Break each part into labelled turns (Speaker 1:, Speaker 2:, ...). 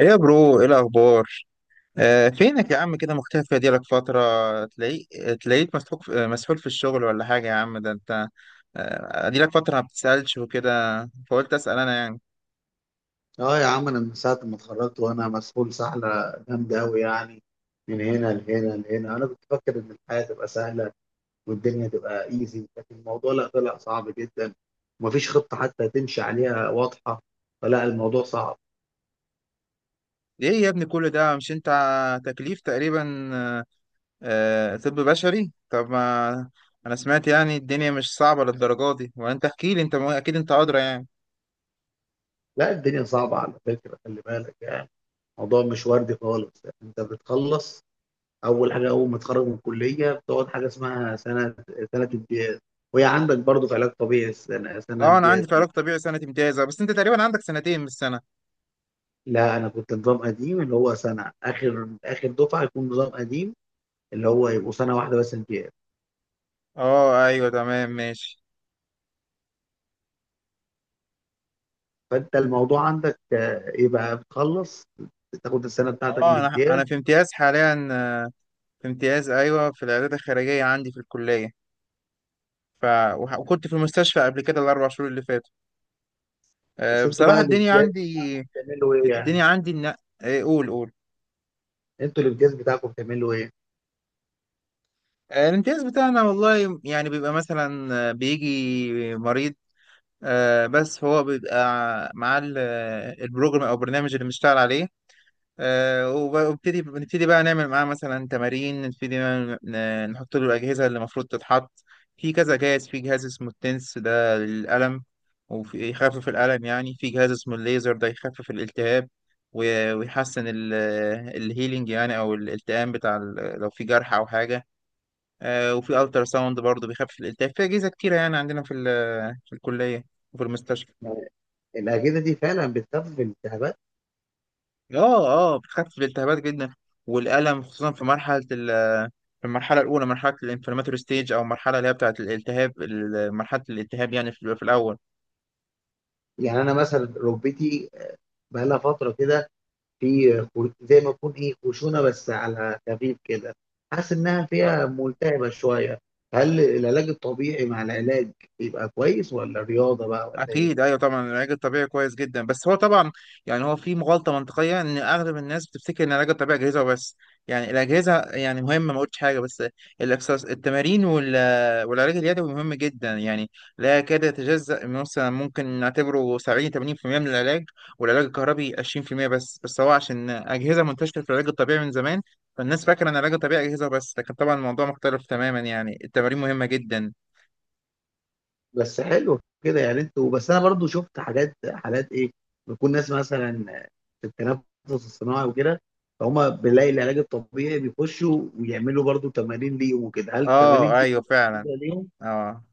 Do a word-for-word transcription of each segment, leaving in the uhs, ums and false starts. Speaker 1: ايه يا برو، ايه الاخبار؟ آه، فينك يا عم؟ كده مختفي، دي لك فتره. تلاقيك تلاقيك مسحوق في- مسحول في الشغل، ولا حاجه؟ يا عم ده انت. آه دي لك فتره ما بتسالش وكده، فقلت اسال انا يعني.
Speaker 2: اه يا عم، انا من ساعه ما اتخرجت وانا مسحول سحله جامده قوي يعني. من هنا لهنا لهنا. انا كنت فاكر ان الحياه تبقى سهله والدنيا تبقى ايزي، لكن الموضوع لا، طلع صعب جدا، ومفيش خطه حتى تمشي عليها واضحه. فلا، الموضوع صعب.
Speaker 1: ايه يا ابني، كل ده، مش انت تكليف تقريبا؟ آه آه، طب بشري. طب ما انا سمعت يعني الدنيا مش صعبه للدرجه دي، وانت احكي لي، انت م- اكيد انت ادرى يعني.
Speaker 2: لا، الدنيا صعبه على فكره، خلي بالك يعني. الموضوع مش وردي خالص. انت بتخلص، اول حاجه اول ما تتخرج من الكليه بتقعد حاجه اسمها سنه سنه امتياز. وهي عندك برضه في علاج طبيعي، السنه سنه
Speaker 1: اه انا
Speaker 2: امتياز.
Speaker 1: عندي في علاج طبيعي سنه امتيازه، بس انت تقريبا عندك سنتين مش سنه.
Speaker 2: لا، انا كنت نظام قديم، اللي هو سنه، اخر اخر دفعه يكون نظام قديم، اللي هو يبقوا سنه واحده بس امتياز.
Speaker 1: اه ايوه تمام ماشي.
Speaker 2: فانت الموضوع عندك آه، يبقى بتخلص، تاخد السنه بتاعتك
Speaker 1: اه، انا
Speaker 2: الامتياز.
Speaker 1: انا في امتياز حاليا. آه، في امتياز، ايوه، في العيادات الخارجيه عندي في الكليه. ف وح- وكنت في المستشفى قبل كده الاربع شهور اللي فاتوا. آه،
Speaker 2: بس انتوا
Speaker 1: بصراحه
Speaker 2: بقى
Speaker 1: الدنيا
Speaker 2: الامتياز
Speaker 1: عندي.
Speaker 2: بتعملوا ايه يعني؟
Speaker 1: الدنيا عندي إن. آه، قول قول.
Speaker 2: انتوا الامتياز بتاعكم بتعملوا ايه؟
Speaker 1: آه، الامتياز بتاعنا، والله يعني بيبقى مثلا آه، بيجي مريض. آه، بس هو بيبقى معاه ال- آه، البروجرام او البرنامج اللي بنشتغل عليه. آه، وب- وابتدي بنبتدي بقى نعمل معاه مثلا تمارين، نبتدي نعمل- ن- نحط له الأجهزة اللي المفروض تتحط. في كذا جهاز. في جهاز اسمه التنس، ده للألم وفي يخفف الألم يعني. في جهاز اسمه الليزر، ده يخفف الالتهاب و- ويحسن ال- الهيلينج يعني، أو الالتئام بتاع ال- لو في جرح أو حاجة. آه، وفي ألترا ساوند برضه بيخفف الالتهاب. في أجهزة كتيرة يعني عندنا في ال- في الكلية وفي المستشفى.
Speaker 2: يعني الاجهزه دي فعلا بتخفف الالتهابات؟
Speaker 1: اه. اه بتخفف الالتهابات جدا والألم، خصوصا في مرحلة ال في المرحلة الأولى، مرحلة الانفلاماتوري ستيج، أو المرحلة اللي هي بتاعة الالتهاب، ال- مرحلة الالتهاب يعني، في في الأول.
Speaker 2: يعني انا مثلا ركبتي آه، بقى لها فتره كده، في خر- زي ما يكون ايه، خشونه بس على خفيف كده، حاسس انها
Speaker 1: آه.
Speaker 2: فيها ملتهبه شويه. هل العلاج الطبيعي مع العلاج يبقى كويس، ولا رياضه بقى، ولا ايه؟
Speaker 1: اكيد، ايوه، طبعا العلاج الطبيعي كويس جدا، بس هو طبعا يعني هو في غلطه منطقيه ان اغلب الناس بتفتكر ان العلاج الطبيعي اجهزه وبس. يعني الاجهزه يعني مهمه، ما قلتش حاجه، بس الاكسس التمارين وال- والعلاج اليدوي مهم جدا يعني، لا يكاد يتجزأ من- مثلا ممكن نعتبره سبعين ثمانين في المية من العلاج، والعلاج الكهربي عشرين في المية بس، بس هو عشان اجهزه منتشره في العلاج الطبيعي من زمان، فالناس فاكره ان العلاج الطبيعي اجهزه بس. لكن طبعا الموضوع مختلف تماما يعني، التمارين مهمه جدا.
Speaker 2: بس حلو كده يعني انتوا. بس انا برضو شفت حاجات، حالات ايه، بيكون ناس مثلا في التنفس الصناعي وكده، فهم بيلاقي العلاج الطبيعي بيخشوا ويعملوا برضو تمارين ليهم وكده. هل التمارين
Speaker 1: اه
Speaker 2: دي
Speaker 1: ايوه
Speaker 2: بتبقى
Speaker 1: فعلا.
Speaker 2: مفيده ليهم؟
Speaker 1: اه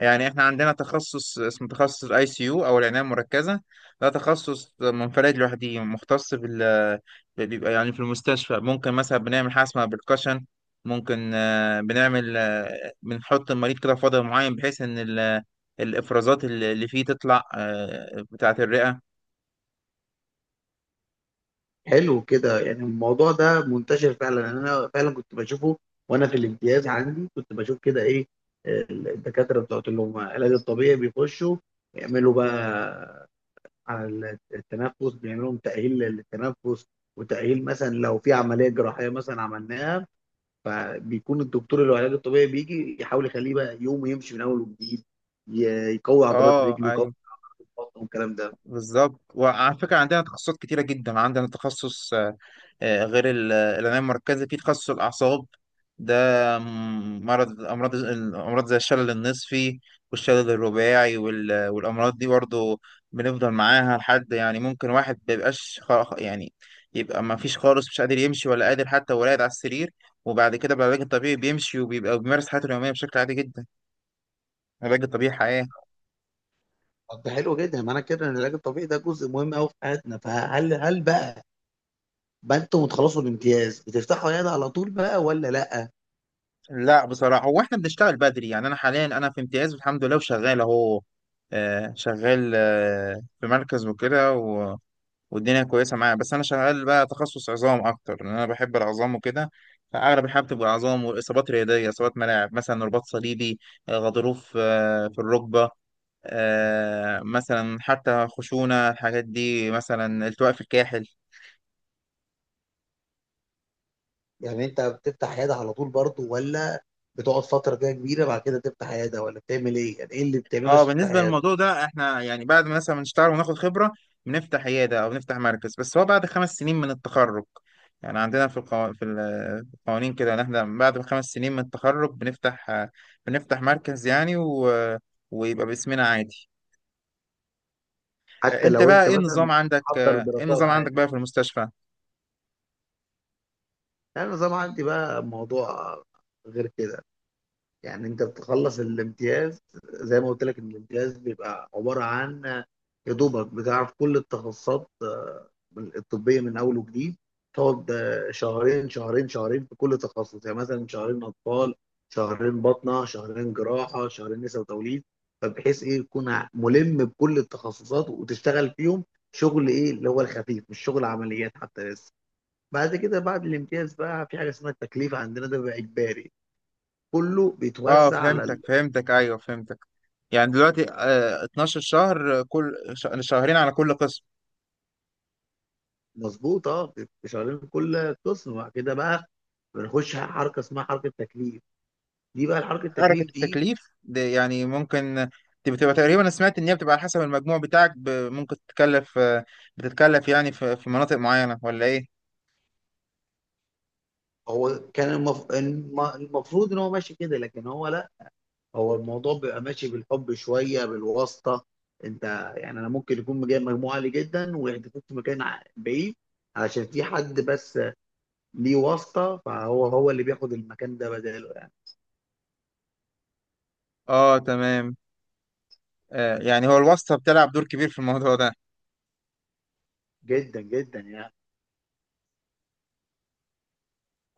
Speaker 1: يعني احنا عندنا تخصص، اسمه تخصص الاي سي يو او العنايه المركزه، ده تخصص منفرد لوحده، مختص بال. بيبقى يعني في المستشفى ممكن مثلا بنعمل حاجه اسمها بالكشن، ممكن آه، بنعمل، آه، بنحط المريض كده في وضع معين بحيث ان ال- الافرازات اللي اللي فيه تطلع، آه، بتاعه الرئه.
Speaker 2: حلو كده، يعني الموضوع ده منتشر فعلا. يعني انا فعلا كنت بشوفه، وانا في الامتياز عندي كنت بشوف كده ايه، الدكاتره بتوع اللي هم العلاج الطبيعي بيخشوا يعملوا بقى على التنفس، بيعملوا لهم تاهيل للتنفس، وتاهيل مثلا لو في عمليه جراحيه مثلا عملناها، فبيكون الدكتور اللي هو العلاج الطبيعي بيجي يحاول يخليه بقى يوم يمشي من اول وجديد، ي- يقوي عضلات
Speaker 1: اه
Speaker 2: رجله، يقوي
Speaker 1: ايوه
Speaker 2: عضلات بطنه، والكلام ده.
Speaker 1: بالظبط. وعلى فكرة عندنا تخصصات كتيرة جدا. عندنا تخصص، آه، آه، غير ال- العناية المركزة، في تخصص الأعصاب ده، م- مرض أمراض الأمراض زي الشلل النصفي والشلل الرباعي، وال- والأمراض دي برضه بنفضل معاها لحد يعني، ممكن واحد مبيبقاش خ- يعني يبقى ما فيش خالص، مش قادر يمشي ولا قادر، حتى ولا قاعد على السرير، وبعد كده بالعلاج الطبيعي بيمشي وبيبقى بيمارس حياته اليومية بشكل عادي جدا. العلاج الطبيعي حياة.
Speaker 2: طب ده حلو جدا. معنى كده ان العلاج الطبيعي ده جزء مهم قوي في حياتنا. فهل هل بقى بقى انتوا بتخلصوا الامتياز بتفتحوا عياده على طول بقى، ولا لا؟
Speaker 1: لا، بصراحة هو احنا بنشتغل بدري يعني. انا حاليا انا في امتياز، الحمد لله، وشغال اهو. آه، شغال، آه، في مركز وكده، و- والدنيا كويسة معايا. بس انا شغال بقى تخصص عظام اكتر، لان انا بحب العظام وكده، فاغلب الحاجة بتبقى عظام واصابات رياضية، اصابات ملاعب، مثلا رباط صليبي، آه، غضروف، آه، في الركبة، آه، مثلا حتى خشونة. الحاجات دي مثلا التواء في الكاحل.
Speaker 2: يعني انت بتفتح عياده على طول برضه، ولا بتقعد فتره كده كبيره بعد كده تفتح عياده، ولا بتعمل ايه؟ يعني ايه اللي بتعمله
Speaker 1: اه،
Speaker 2: عشان تفتح
Speaker 1: بالنسبه
Speaker 2: عياده؟
Speaker 1: للموضوع ده احنا يعني بعد ما مثلا نشتغل وناخد خبره بنفتح عياده او نفتح مركز، بس هو بعد خمس سنين من التخرج يعني. عندنا في القو... في ال- في القوانين كده ان احنا بعد خمس سنين من التخرج بنفتح، آه، بنفتح مركز يعني، و... ويبقى باسمنا عادي. آه،
Speaker 2: حتى
Speaker 1: انت
Speaker 2: لو
Speaker 1: بقى
Speaker 2: انت
Speaker 1: ايه
Speaker 2: مثلا
Speaker 1: النظام عندك
Speaker 2: محضر
Speaker 1: آه، ايه
Speaker 2: دراسات
Speaker 1: النظام عندك
Speaker 2: عادي.
Speaker 1: بقى في المستشفى؟
Speaker 2: انا زي ما عندي بقى موضوع غير كده، يعني انت بتخلص الامتياز، زي ما قلت لك ان الامتياز بيبقى عباره عن، يا دوبك بتعرف كل التخصصات آه، الطبيه من اول وجديد. تقعد آه، شهرين شهرين شهرين في كل تخصص، يعني مثلا شهرين اطفال، شهرين باطنه، شهرين جراحه، شهرين نساء وتوليد، فبحيث ايه تكون ملم بكل التخصصات وتشتغل فيهم شغل ايه اللي هو الخفيف، مش شغل عمليات حتى لسه. بعد كده بعد الامتياز بقى في حاجه اسمها التكليف، عندنا ده بقى اجباري، كله
Speaker 1: اه
Speaker 2: بيتوزع على،
Speaker 1: فهمتك فهمتك ايوه فهمتك. يعني دلوقتي آه، اتناشر شهر، آه، كل ش- شهرين على كل قسم.
Speaker 2: مظبوط اه، بيبقوا شغالين في كل قسم. وبعد كده بقى بنخش على حركه اسمها حركه تكليف. دي بقى الحركه
Speaker 1: حركة
Speaker 2: التكليف دي،
Speaker 1: التكليف دي يعني ممكن، دي بتبقى تقريبا أنا سمعت إن هي بتبقى على حسب المجموع بتاعك، ب- ممكن تتكلف، بتتكلف يعني في في مناطق معينة ولا إيه؟
Speaker 2: هو كان المف... الم- المفروض ان هو ماشي كده، لكن هو لا. هو الموضوع بيبقى ماشي بالحب شويه، بالواسطه. انت يعني، انا ممكن يكون جايب مجموعه عاليه جدا ويحدفوك في مكان ع- بعيد، علشان في حد بس ليه واسطه، فهو هو اللي بياخد المكان ده بداله يعني.
Speaker 1: آه تمام. آه يعني هو الواسطة بتلعب دور كبير في الموضوع ده.
Speaker 2: جدا جدا يعني.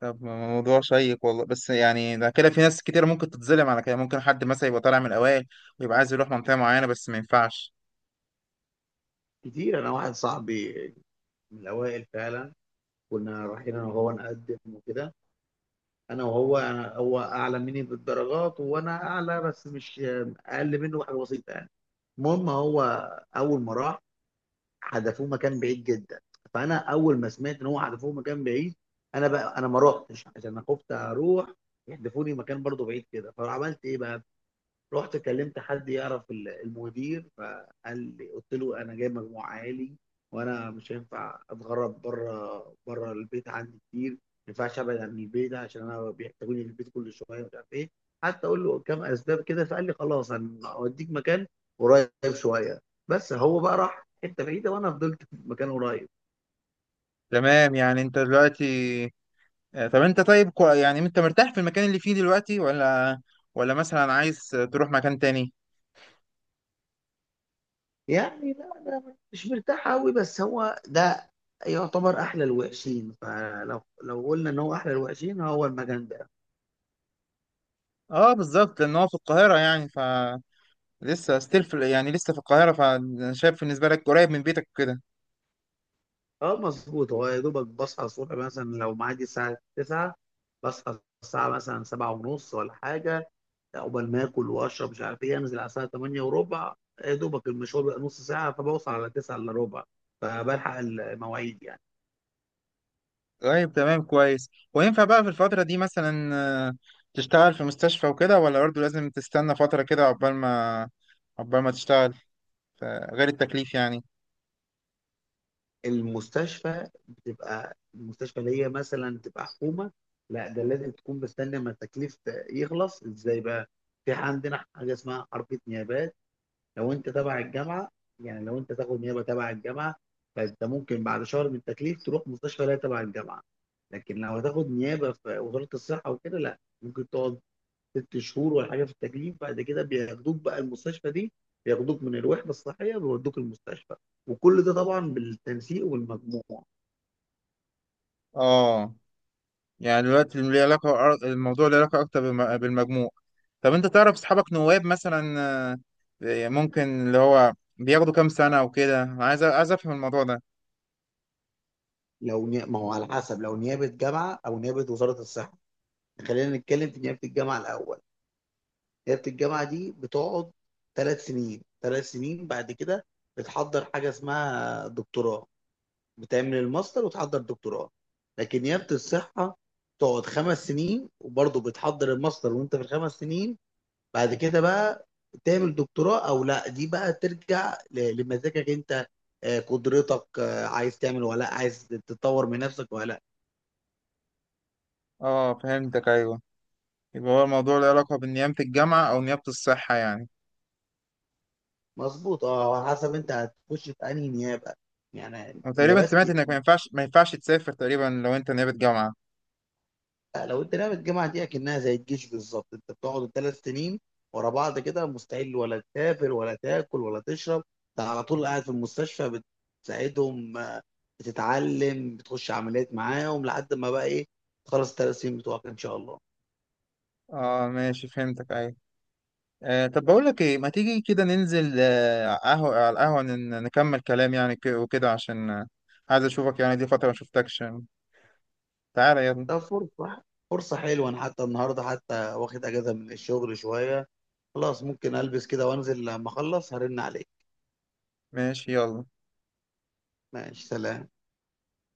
Speaker 1: طب موضوع شيق والله، بس يعني ده كده في ناس كتير ممكن تتظلم على كده، ممكن حد مثلا يبقى طالع من الأوائل ويبقى عايز يروح منطقة معينة بس ما ينفعش.
Speaker 2: كتير. انا واحد صاحبي من الاوائل فعلا، كنا رايحين انا وهو نقدم وكده، انا وهو، أنا هو اعلى مني بالدرجات، وانا اعلى بس مش، اقل منه بحاجه بسيطه يعني. المهم، هو اول ما راح حدفوه مكان بعيد جدا. فانا اول ما سمعت ان هو حدفوه مكان بعيد، انا بقى انا ما رحتش، عشان انا خفت اروح يحدفوني مكان برضه بعيد كده. فعملت ايه بقى؟ رحت كلمت حد يعرف ال- المدير، فقال لي، قلت له انا جاي مجموع عالي، وانا مش هينفع اتغرب، بره بره البيت عندي كتير، ما ينفعش ابعد عن البيت، عشان انا بيحتاجوني في البيت كل شويه، مش عارف ايه، حتى اقول له كام اسباب كده. فقال لي خلاص، انا اوديك مكان قريب شويه. بس هو بقى راح حته بعيده، وانا فضلت في مكان قريب.
Speaker 1: تمام، يعني أنت دلوقتي، آه، طب أنت طيب كو- يعني أنت مرتاح في المكان اللي فيه دلوقتي، ولا ولا مثلا عايز تروح مكان تاني؟
Speaker 2: يعني لا، انا مش مرتاح قوي، بس هو ده يعتبر احلى الوحشين. فلو لو قلنا ان هو احلى الوحشين، هو المكان ده.
Speaker 1: اه بالظبط، لان هو في القاهرة يعني. ف لسه ستيل في يعني لسه في القاهرة. فانا شايف بالنسبة لك قريب من بيتك كده.
Speaker 2: اه مظبوط، هو يا دوبك بصحى الصبح مثلا، لو معادي الساعة تسعة بصحى الساعة مثلا سبعة ونص ولا حاجة، عقبال ما آكل وأشرب مش عارف إيه، أنزل على الساعة ثمانية وربع، يا دوبك المشوار بيبقى نص ساعة، فبوصل على تسعة إلا ربع، فبلحق المواعيد يعني.
Speaker 1: طيب تمام كويس. وينفع بقى في الفترة دي مثلا، آه، تشتغل في مستشفى وكده، ولا برضه لازم تستنى فترة كده عقبال ما عقبال ما تشتغل؟ ف- غير التكليف يعني.
Speaker 2: المستشفى بتبقى المستشفى اللي هي مثلا تبقى حكومة، لا ده لازم تكون مستني. أما التكليف يخلص إزاي بقى؟ في عندنا حاجة اسمها حركة نيابات. لو انت تبع الجامعه، يعني لو انت تاخد نيابه تبع الجامعه، فانت ممكن بعد شهر من التكليف تروح مستشفى، لا تبع الجامعه. لكن لو هتاخد نيابه في وزاره الصحه وكده، لا، ممكن تقعد ست شهور ولا حاجه في التكليف، بعد كده بياخدوك بقى المستشفى دي، بياخدوك من الوحده الصحيه بيودوك المستشفى. وكل ده طبعا بالتنسيق والمجموع.
Speaker 1: اه، يعني دلوقتي ليه علاقة الموضوع له علاقة أكتر بالم- بالمجموع. طب أنت تعرف أصحابك نواب مثلا، آه، ممكن اللي هو بياخدوا كام سنة وكده؟ أنا عايز عايز أفهم الموضوع ده.
Speaker 2: لو ني... ما هو على حسب، لو نيابه جامعه او نيابه وزاره الصحه. خلينا نتكلم في نيابه الجامعه الاول. ليله الجامعه دي بتقعد ثلاث سنين، ثلاث سنين بعد كده بتحضر حاجه اسمها دكتوراه، بتعمل الماستر وتحضر دكتوراه. لكن نيابه الصحه تقعد خمس سنين، وبرضه بتحضر الماستر وانت في الخمس سنين. بعد كده بقى تعمل دكتوراه او لا، دي بقى ترجع ل- لمزاجك انت، آه، قدرتك، آه، عايز تعمل ولا لا، عايز تطور من نفسك ولا لا.
Speaker 1: اه فهمتك أيوه، يبقى هو الموضوع له علاقة بنيابة الجامعة أو نيابة الصحة يعني.
Speaker 2: مظبوط اه، على حسب انت هتخش في انهي نيابه يعني،
Speaker 1: وتقريبا
Speaker 2: نيابات.
Speaker 1: سمعت إنك ما ينفعش ما ينفعش تسافر تقريبا لو أنت نيابة جامعة.
Speaker 2: لا، لو انت لعبة الجامعة دي اكنها زي الجيش بالظبط، انت بتقعد الثلاث سنين ورا بعض كده، مستحيل ولا تسافر ولا تاكل ولا تشرب، انت على طول قاعد في المستشفى بتساعدهم، آه، بتتعلم، بتخش عمليات معاهم، لحد ما بقى ايه، تخلص الثلاث سنين بتوعك ان شاء الله.
Speaker 1: اه ماشي فهمتك أيوة. آه طب بقول لك إيه، ما تيجي كده ننزل آه قهوة على القهوة، ن- نكمل كلام يعني، ك- وكده عشان آه، عايز أشوفك يعني. دي فترة ما شفتكش. تعالى يلا.
Speaker 2: ده فرصة فرصة حلوة، انا حتى النهارده حتى واخد اجازة من الشغل شوية. خلاص ممكن البس كده وانزل، لما اخلص هرن عليك.
Speaker 1: ماشي يلا.
Speaker 2: ماشي، سلام.